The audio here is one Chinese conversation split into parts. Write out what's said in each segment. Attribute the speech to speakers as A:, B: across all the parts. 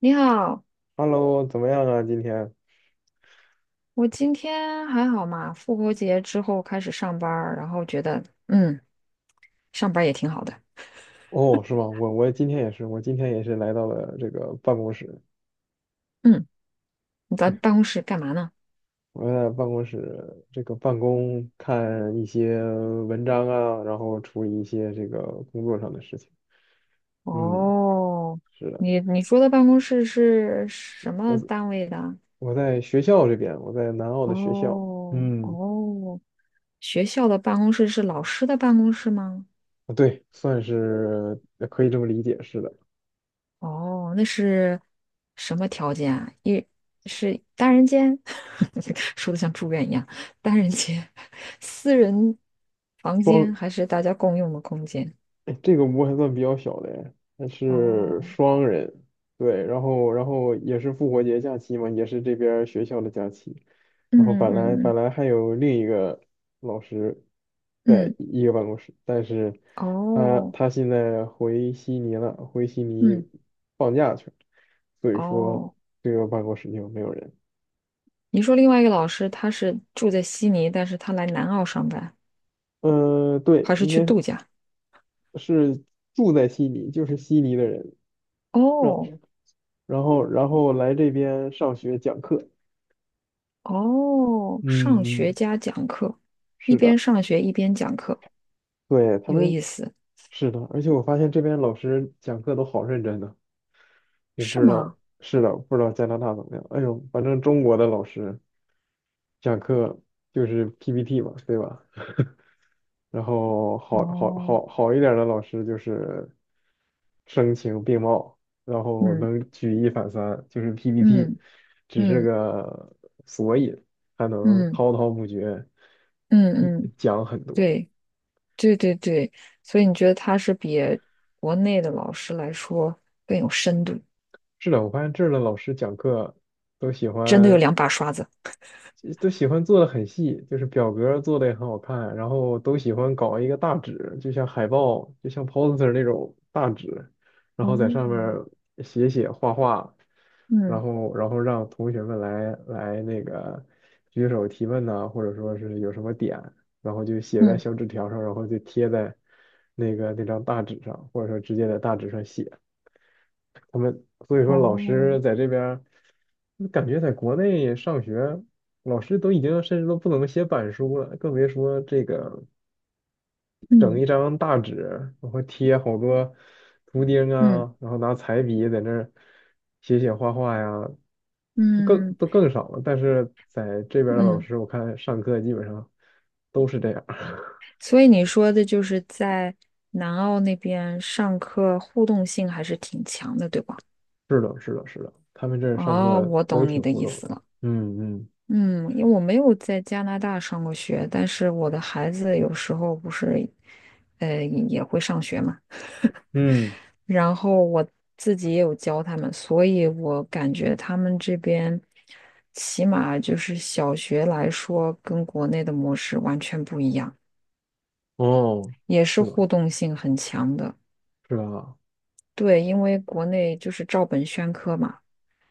A: 你好，
B: Hello，怎么样啊？今天？
A: 我今天还好嘛？复活节之后开始上班儿然后觉得嗯，上班儿也挺好的。
B: 哦，是吗？我今天也是，我今天也是来到了这个办公室，
A: 嗯，你在办公室干嘛呢？
B: 我在办公室这个办公，看一些文章啊，然后处理一些这个工作上的事情。嗯，
A: 哦，
B: 是的，
A: 你说的办公室是什么
B: 我
A: 单位的？
B: 我在学校这边，我在南澳的学校。
A: 哦
B: 嗯，
A: 哦，学校的办公室是老师的办公室吗？
B: 啊对，算是可以这么理解，是的。
A: 哦，那是什么条件啊？一是单人间，说的像住院一样，单人间、私人房
B: 双。
A: 间还是大家共用的空间？
B: 哎，这个屋还算比较小的哎，它是
A: 哦，
B: 双人，对，然后也是复活节假期嘛，也是这边儿学校的假期，然后
A: 嗯
B: 本来本
A: 嗯
B: 来还有另一个老师在
A: 嗯
B: 一个办公室，但是
A: 嗯，
B: 他
A: 哦，
B: 他现在回悉尼了，回悉尼
A: 嗯，
B: 放假去了，所以说
A: 哦，
B: 这个办公室就没有人。
A: 你说另外一个老师他是住在悉尼，但是他来南澳上班，
B: 嗯，
A: 还
B: 对，
A: 是
B: 应
A: 去
B: 该
A: 度
B: 是
A: 假？
B: 是住在悉尼，就是悉尼的人，让
A: 哦
B: 然后来这边上学讲课。
A: 哦，上
B: 嗯
A: 学
B: 嗯，
A: 加讲课，一
B: 是
A: 边
B: 的，
A: 上学一边讲课，
B: 对，他
A: 有
B: 们
A: 意思，
B: 是的，而且我发现这边老师讲课都好认真的，我不
A: 是
B: 知道，
A: 吗？
B: 是的，不知道加拿大怎么样。哎呦，反正中国的老师讲课就是 PPT 嘛，对吧？然后好好
A: 哦，
B: 好好一点儿的老师就是声情并茂，然后
A: 嗯
B: 能举一反三，就是 PPT
A: 嗯
B: 只是
A: 嗯
B: 个索引，还能
A: 嗯
B: 滔滔不绝
A: 嗯
B: 一
A: 嗯，
B: 讲很多。
A: 对对对对，所以你觉得他是比国内的老师来说更有深度，
B: 是的，我发现这儿的老师讲课都喜
A: 真的有
B: 欢，
A: 两把刷子。
B: 都喜欢做的很细，就是表格儿做的也很好看，然后都喜欢搞一个大纸，就像海报，就像 poster 那种大纸，然后在上面
A: 哦，
B: 儿写写画画，然
A: 嗯
B: 后然后让同学们来那个举手提问呐、或者说是有什么点，然后就写在
A: 嗯，
B: 小纸条上，然后就贴在那张大纸上，或者说直接在大纸上写。所以说老
A: 哦，
B: 师在这边儿感觉在国内上学，老师都已经甚至都不能写板书了，更别说这个整
A: 嗯
B: 一张大纸，然后贴好多图钉
A: 嗯
B: 啊，然后拿彩笔在那儿写写画画呀，更
A: 嗯
B: 都更少了。但是在这边儿的老
A: 嗯，
B: 师，我看上课基本上都是这样。
A: 所以你说的就是在南澳那边上课互动性还是挺强的，对吧？
B: 是的，是的，是的，他们这儿上
A: 哦，
B: 课
A: 我
B: 都
A: 懂你
B: 挺
A: 的
B: 互
A: 意
B: 动
A: 思
B: 的。
A: 了。
B: 嗯嗯。
A: 嗯，因为我没有在加拿大上过学，但是我的孩子有时候不是，也会上学嘛。
B: 嗯，
A: 然后我自己也有教他们，所以我感觉他们这边起码就是小学来说，跟国内的模式完全不一样，
B: 哦，
A: 也是
B: 是吧？
A: 互动性很强的。
B: 是吧？
A: 对，因为国内就是照本宣科嘛，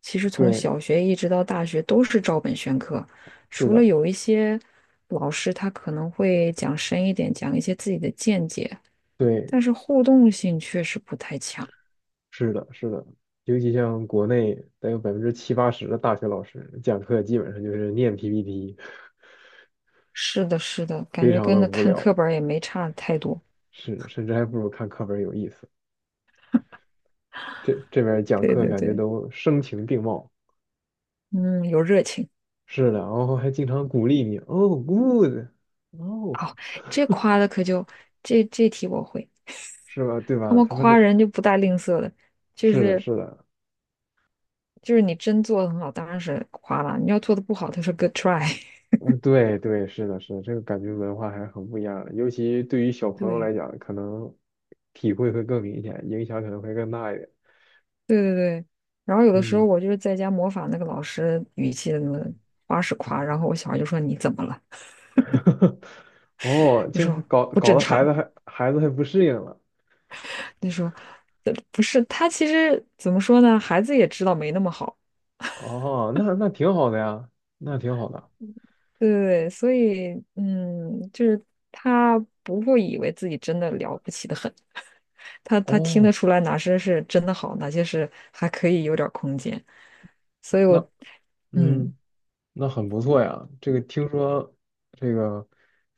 A: 其实从
B: 对，
A: 小学一直到大学都是照本宣科，
B: 是
A: 除了
B: 的，
A: 有一些老师他可能会讲深一点，讲一些自己的见解，
B: 对，
A: 但是互动性确实不太强。
B: 是的，是的，尤其像国内得有百分之七八十的大学老师讲课基本上就是念 PPT，
A: 是的，是的，感
B: 非
A: 觉
B: 常
A: 跟
B: 的
A: 那
B: 无
A: 看课
B: 聊。
A: 本儿也没差太多。
B: 是的，甚至还不如看课本有意思。这边讲
A: 对
B: 课
A: 对
B: 感觉
A: 对，
B: 都声情并茂，
A: 嗯，有热情。
B: 是的，然后还经常鼓励你，哦，good，哦，
A: 哦，这夸的可就这题我会，
B: 是吧？对
A: 他
B: 吧？
A: 们
B: 他们这
A: 夸人就不带吝啬的，就
B: 是的，
A: 是
B: 是的，
A: 就是你真做的很好，当然是夸了；你要做的不好，他说 good try。
B: 嗯，对对，是的，是的，这个感觉文化还是很不一样的，尤其对于小 朋友来
A: 对。
B: 讲，可能体会会更明显，影响可能会更大一点。
A: 对对对，然后有的时候
B: 嗯。
A: 我就是在家模仿那个老师语气的那夸是夸，然后我小孩就说你怎么了？
B: 哦，
A: 就
B: 这
A: 说
B: 搞
A: 不
B: 搞
A: 正
B: 得孩
A: 常，
B: 子还孩子还不适应了。
A: 就说不是他其实怎么说呢？孩子也知道没那么好，
B: 哦，那挺好的呀，那挺好的。
A: 对对对，所以就是他不会以为自己真的了不起的很，他听得
B: 哦，
A: 出来哪些是真的好，哪些是还可以有点儿空间，所以我，
B: 那
A: 嗯，
B: 嗯，那很不错呀。这个听说这个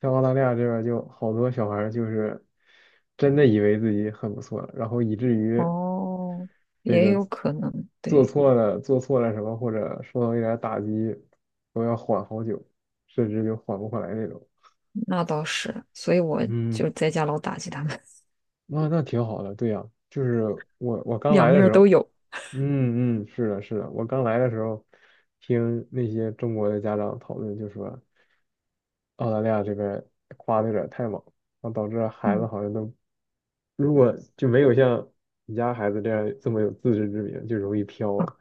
B: 像澳大利亚这边儿就好多小孩儿就是真的以为自己很不错了，然后以至于
A: 哦，
B: 这
A: 也
B: 个
A: 有可能，
B: 做
A: 对。
B: 错了做错了什么，或者受到一点儿打击，都要缓好久，甚至就缓不过来那种。
A: 那倒是，所以我
B: 嗯。
A: 就在家老打击他们，
B: 那挺好的，对呀、就是我 刚
A: 两
B: 来的
A: 面儿
B: 时
A: 都
B: 候，
A: 有。
B: 嗯嗯，是的，是的，我刚来的时候，听那些中国的家长讨论，就说澳大利亚这边夸的有点太猛，然后导致孩子
A: 嗯，
B: 好像都，如果就没有像你家孩子这样这么有自知之明，就容易飘
A: 啊，
B: 了。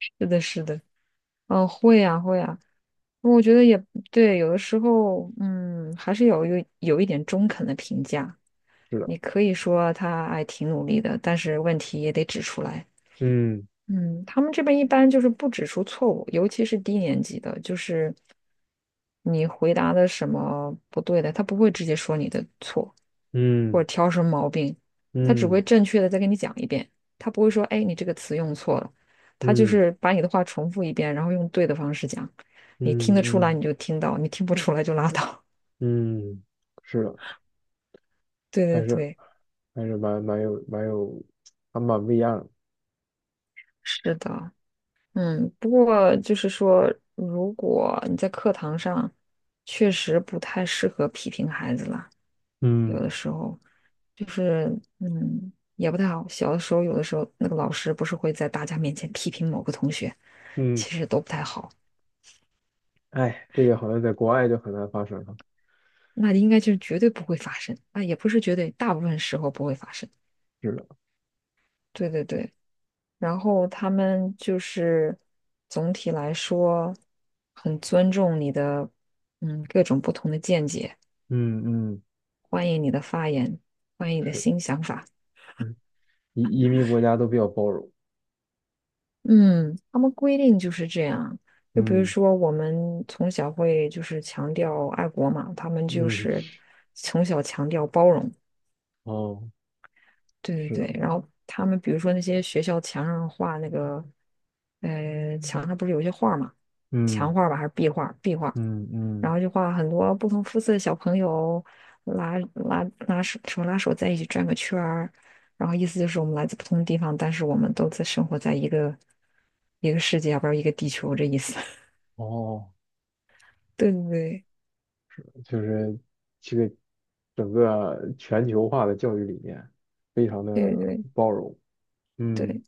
A: 是的，是的，嗯，会啊，会啊。我觉得也对，有的时候，嗯，还是有一点中肯的评价。
B: 是的，
A: 你可以说他哎挺努力的，但是问题也得指出来。
B: 嗯，
A: 嗯，他们这边一般就是不指出错误，尤其是低年级的，就是你回答的什么不对的，他不会直接说你的错，或者
B: 嗯，
A: 挑什么毛病，他只
B: 嗯，
A: 会正确的再给你讲一遍，他不会说，哎，你这个词用错了，他就
B: 嗯，
A: 是把你的话重复一遍，然后用对的方式讲，你听
B: 嗯，
A: 得出来
B: 嗯，
A: 你就听到，你听不出来就拉倒。
B: 嗯，是的，
A: 对对
B: 还是
A: 对，
B: 还是蛮蛮有蛮有，还蛮不一样的。
A: 是的，嗯，不过就是说，如果你在课堂上，确实不太适合批评孩子了，有
B: 嗯。
A: 的时候，就是也不太好。小的时候，有的时候那个老师不是会在大家面前批评某个同学，
B: 嗯，
A: 其实都不太好。
B: 哎，这个好像在国外就很难发生了。
A: 那应该就是绝对不会发生啊，也不是绝对，大部分时候不会发生。
B: 是的，
A: 对对对，然后他们就是总体来说很尊重你的，各种不同的见解。
B: 嗯嗯，
A: 欢迎你的发言，欢迎你的
B: 是，
A: 新想法。
B: 嗯，移民国家都比较包容。
A: 嗯，他们规定就是这样。就比如
B: 嗯
A: 说，我们从小会就是强调爱国嘛，他们就
B: 嗯，
A: 是从小强调包容。
B: 哦，
A: 对对
B: 是的，
A: 对，然后他们比如说那些学校墙上画那个，墙上不是有一些画儿嘛，墙
B: 嗯
A: 画儿吧还是壁画儿
B: 嗯
A: 然
B: 嗯，
A: 后就画很多不同肤色的小朋友拉拉拉手手拉手在一起转个圈儿，然后意思就是我们来自不同的地方，但是我们都在生活在一个世界，要不是一个地球这意思。
B: 哦，
A: 对对
B: 就是这个整个全球化的教育理念非常
A: 对对
B: 的
A: 对
B: 包容。嗯，
A: 对。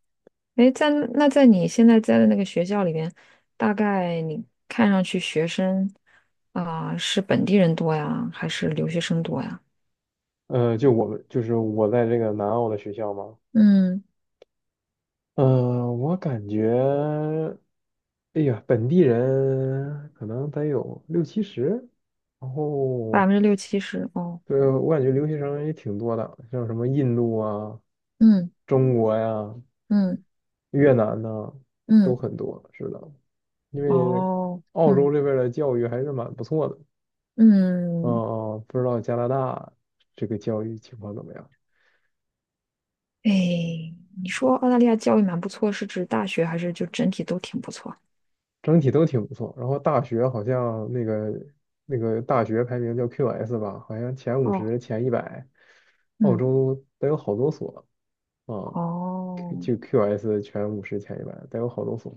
A: 哎，那在你现在在的那个学校里边，大概你看上去学生啊、是本地人多呀，还是留学生多呀？
B: 就我们就是我在这个南澳的学校嘛，
A: 嗯，
B: 嗯，我感觉，哎呀，本地人可能得有六七十，然
A: 百
B: 后，
A: 分之六七十哦，
B: 对，我感觉留学生也挺多的，像什么印度啊、
A: 嗯
B: 中国呀、
A: 嗯
B: 越南呐、都
A: 嗯，
B: 很多，是的，因为
A: 哦，
B: 澳洲
A: 嗯。
B: 这边儿的教育还是蛮不错的。嗯
A: 嗯，
B: 嗯，不知道加拿大这个教育情况怎么样？
A: 哎，你说澳大利亚教育蛮不错，是指大学还是就整体都挺不错？
B: 整体都挺不错。然后大学好像那个大学排名叫 QS 吧，好像前五
A: 哦，
B: 十、前一百，澳
A: 嗯，
B: 洲得有好多所啊，
A: 哦，
B: 就 QS 前五十、前一百得有好多所。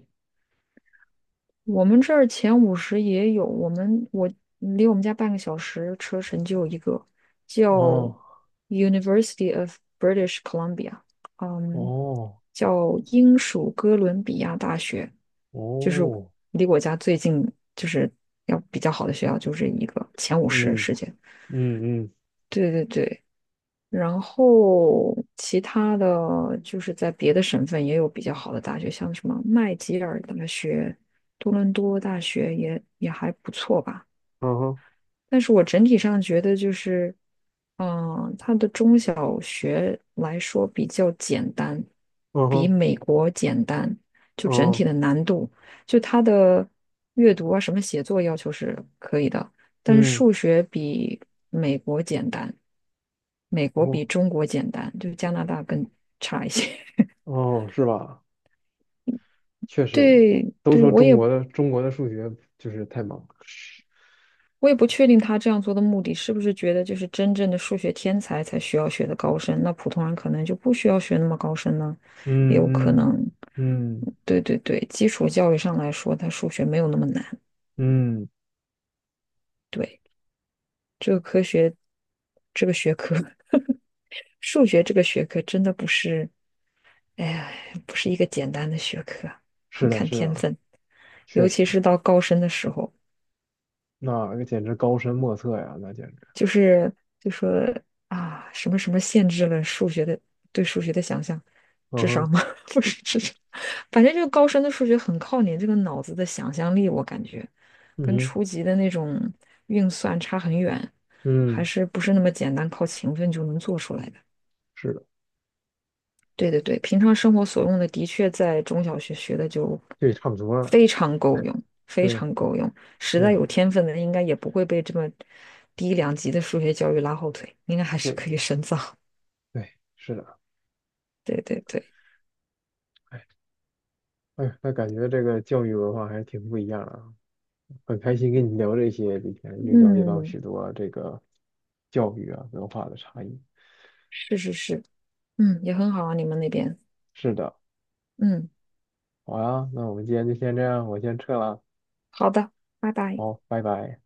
A: 我们这儿前五十也有，我离我们家半个小时车程就有一个叫
B: 哦，
A: University of British Columbia，嗯，
B: 哦，
A: 叫英属哥伦比亚大学，就是
B: 哦，
A: 离我家最近，就是要比较好的学校，就是一个前五十
B: 嗯，
A: 世界。
B: 嗯，嗯，
A: 对对对，然后其他的就是在别的省份也有比较好的大学，像什么麦吉尔大学、多伦多大学也还不错吧。
B: 嗯哼，
A: 但是我整体上觉得就是，它的中小学来说比较简单，
B: 嗯
A: 比
B: 哼，
A: 美国简单，就整体
B: 哦，
A: 的难度，就它的阅读啊，什么写作要求是可以的，但是
B: 嗯，
A: 数学比美国简单，美国比
B: 哦，
A: 中国简单，就加拿大更差一些。
B: 哦，是吧？确实，
A: 对
B: 都
A: 对，
B: 说
A: 我
B: 中
A: 也
B: 国的中国的数学就是太忙。
A: 我也不确定他这样做的目的是不是觉得就是真正的数学天才才需要学的高深，那普通人可能就不需要学那么高深呢，也有可
B: 嗯，嗯，
A: 能。
B: 嗯，
A: 对对对，基础教育上来说，他数学没有那么难。
B: 嗯，
A: 对，这个科学，这个学科，数学这个学科真的不是，哎呀，不是一个简单的学科，
B: 是
A: 很
B: 的，
A: 看
B: 是
A: 天
B: 的。
A: 分，
B: 确
A: 尤其
B: 实，
A: 是到高深的时候。
B: 那简直高深莫测呀，那简直，
A: 就是就说啊，什么什么限制了数学的对数学的想象，
B: 嗯
A: 智商
B: 哼，
A: 吗？不是智商，反正这个高深的数学很靠你这个脑子的想象力，我感觉
B: 嗯
A: 跟
B: 哼，
A: 初级的那种运算差很远，还
B: 嗯，
A: 是不是那么简单靠勤奋就能做出来的。
B: 是的，
A: 对对对，平常生活所用的的确在中小学学的就
B: 对，差不多了，
A: 非常够用，非
B: 对，
A: 常够用。实在有
B: 对，
A: 天分的，应该也不会被这么低两级的数学教育拉后腿，应该还是
B: 是
A: 可
B: 的，
A: 以深造。
B: 对，是的，
A: 对对对，
B: 哎，哎呀那感觉这个教育文化还是挺不一样啊，很开心跟你聊这些，今天又了解到
A: 嗯，
B: 许多这个教育啊文化的差异。
A: 是是是，嗯，也很好啊，你们那边，
B: 是的，
A: 嗯，
B: 好啊，那我们今天就先这样，我先撤了，
A: 好的，拜拜。
B: 好，拜拜。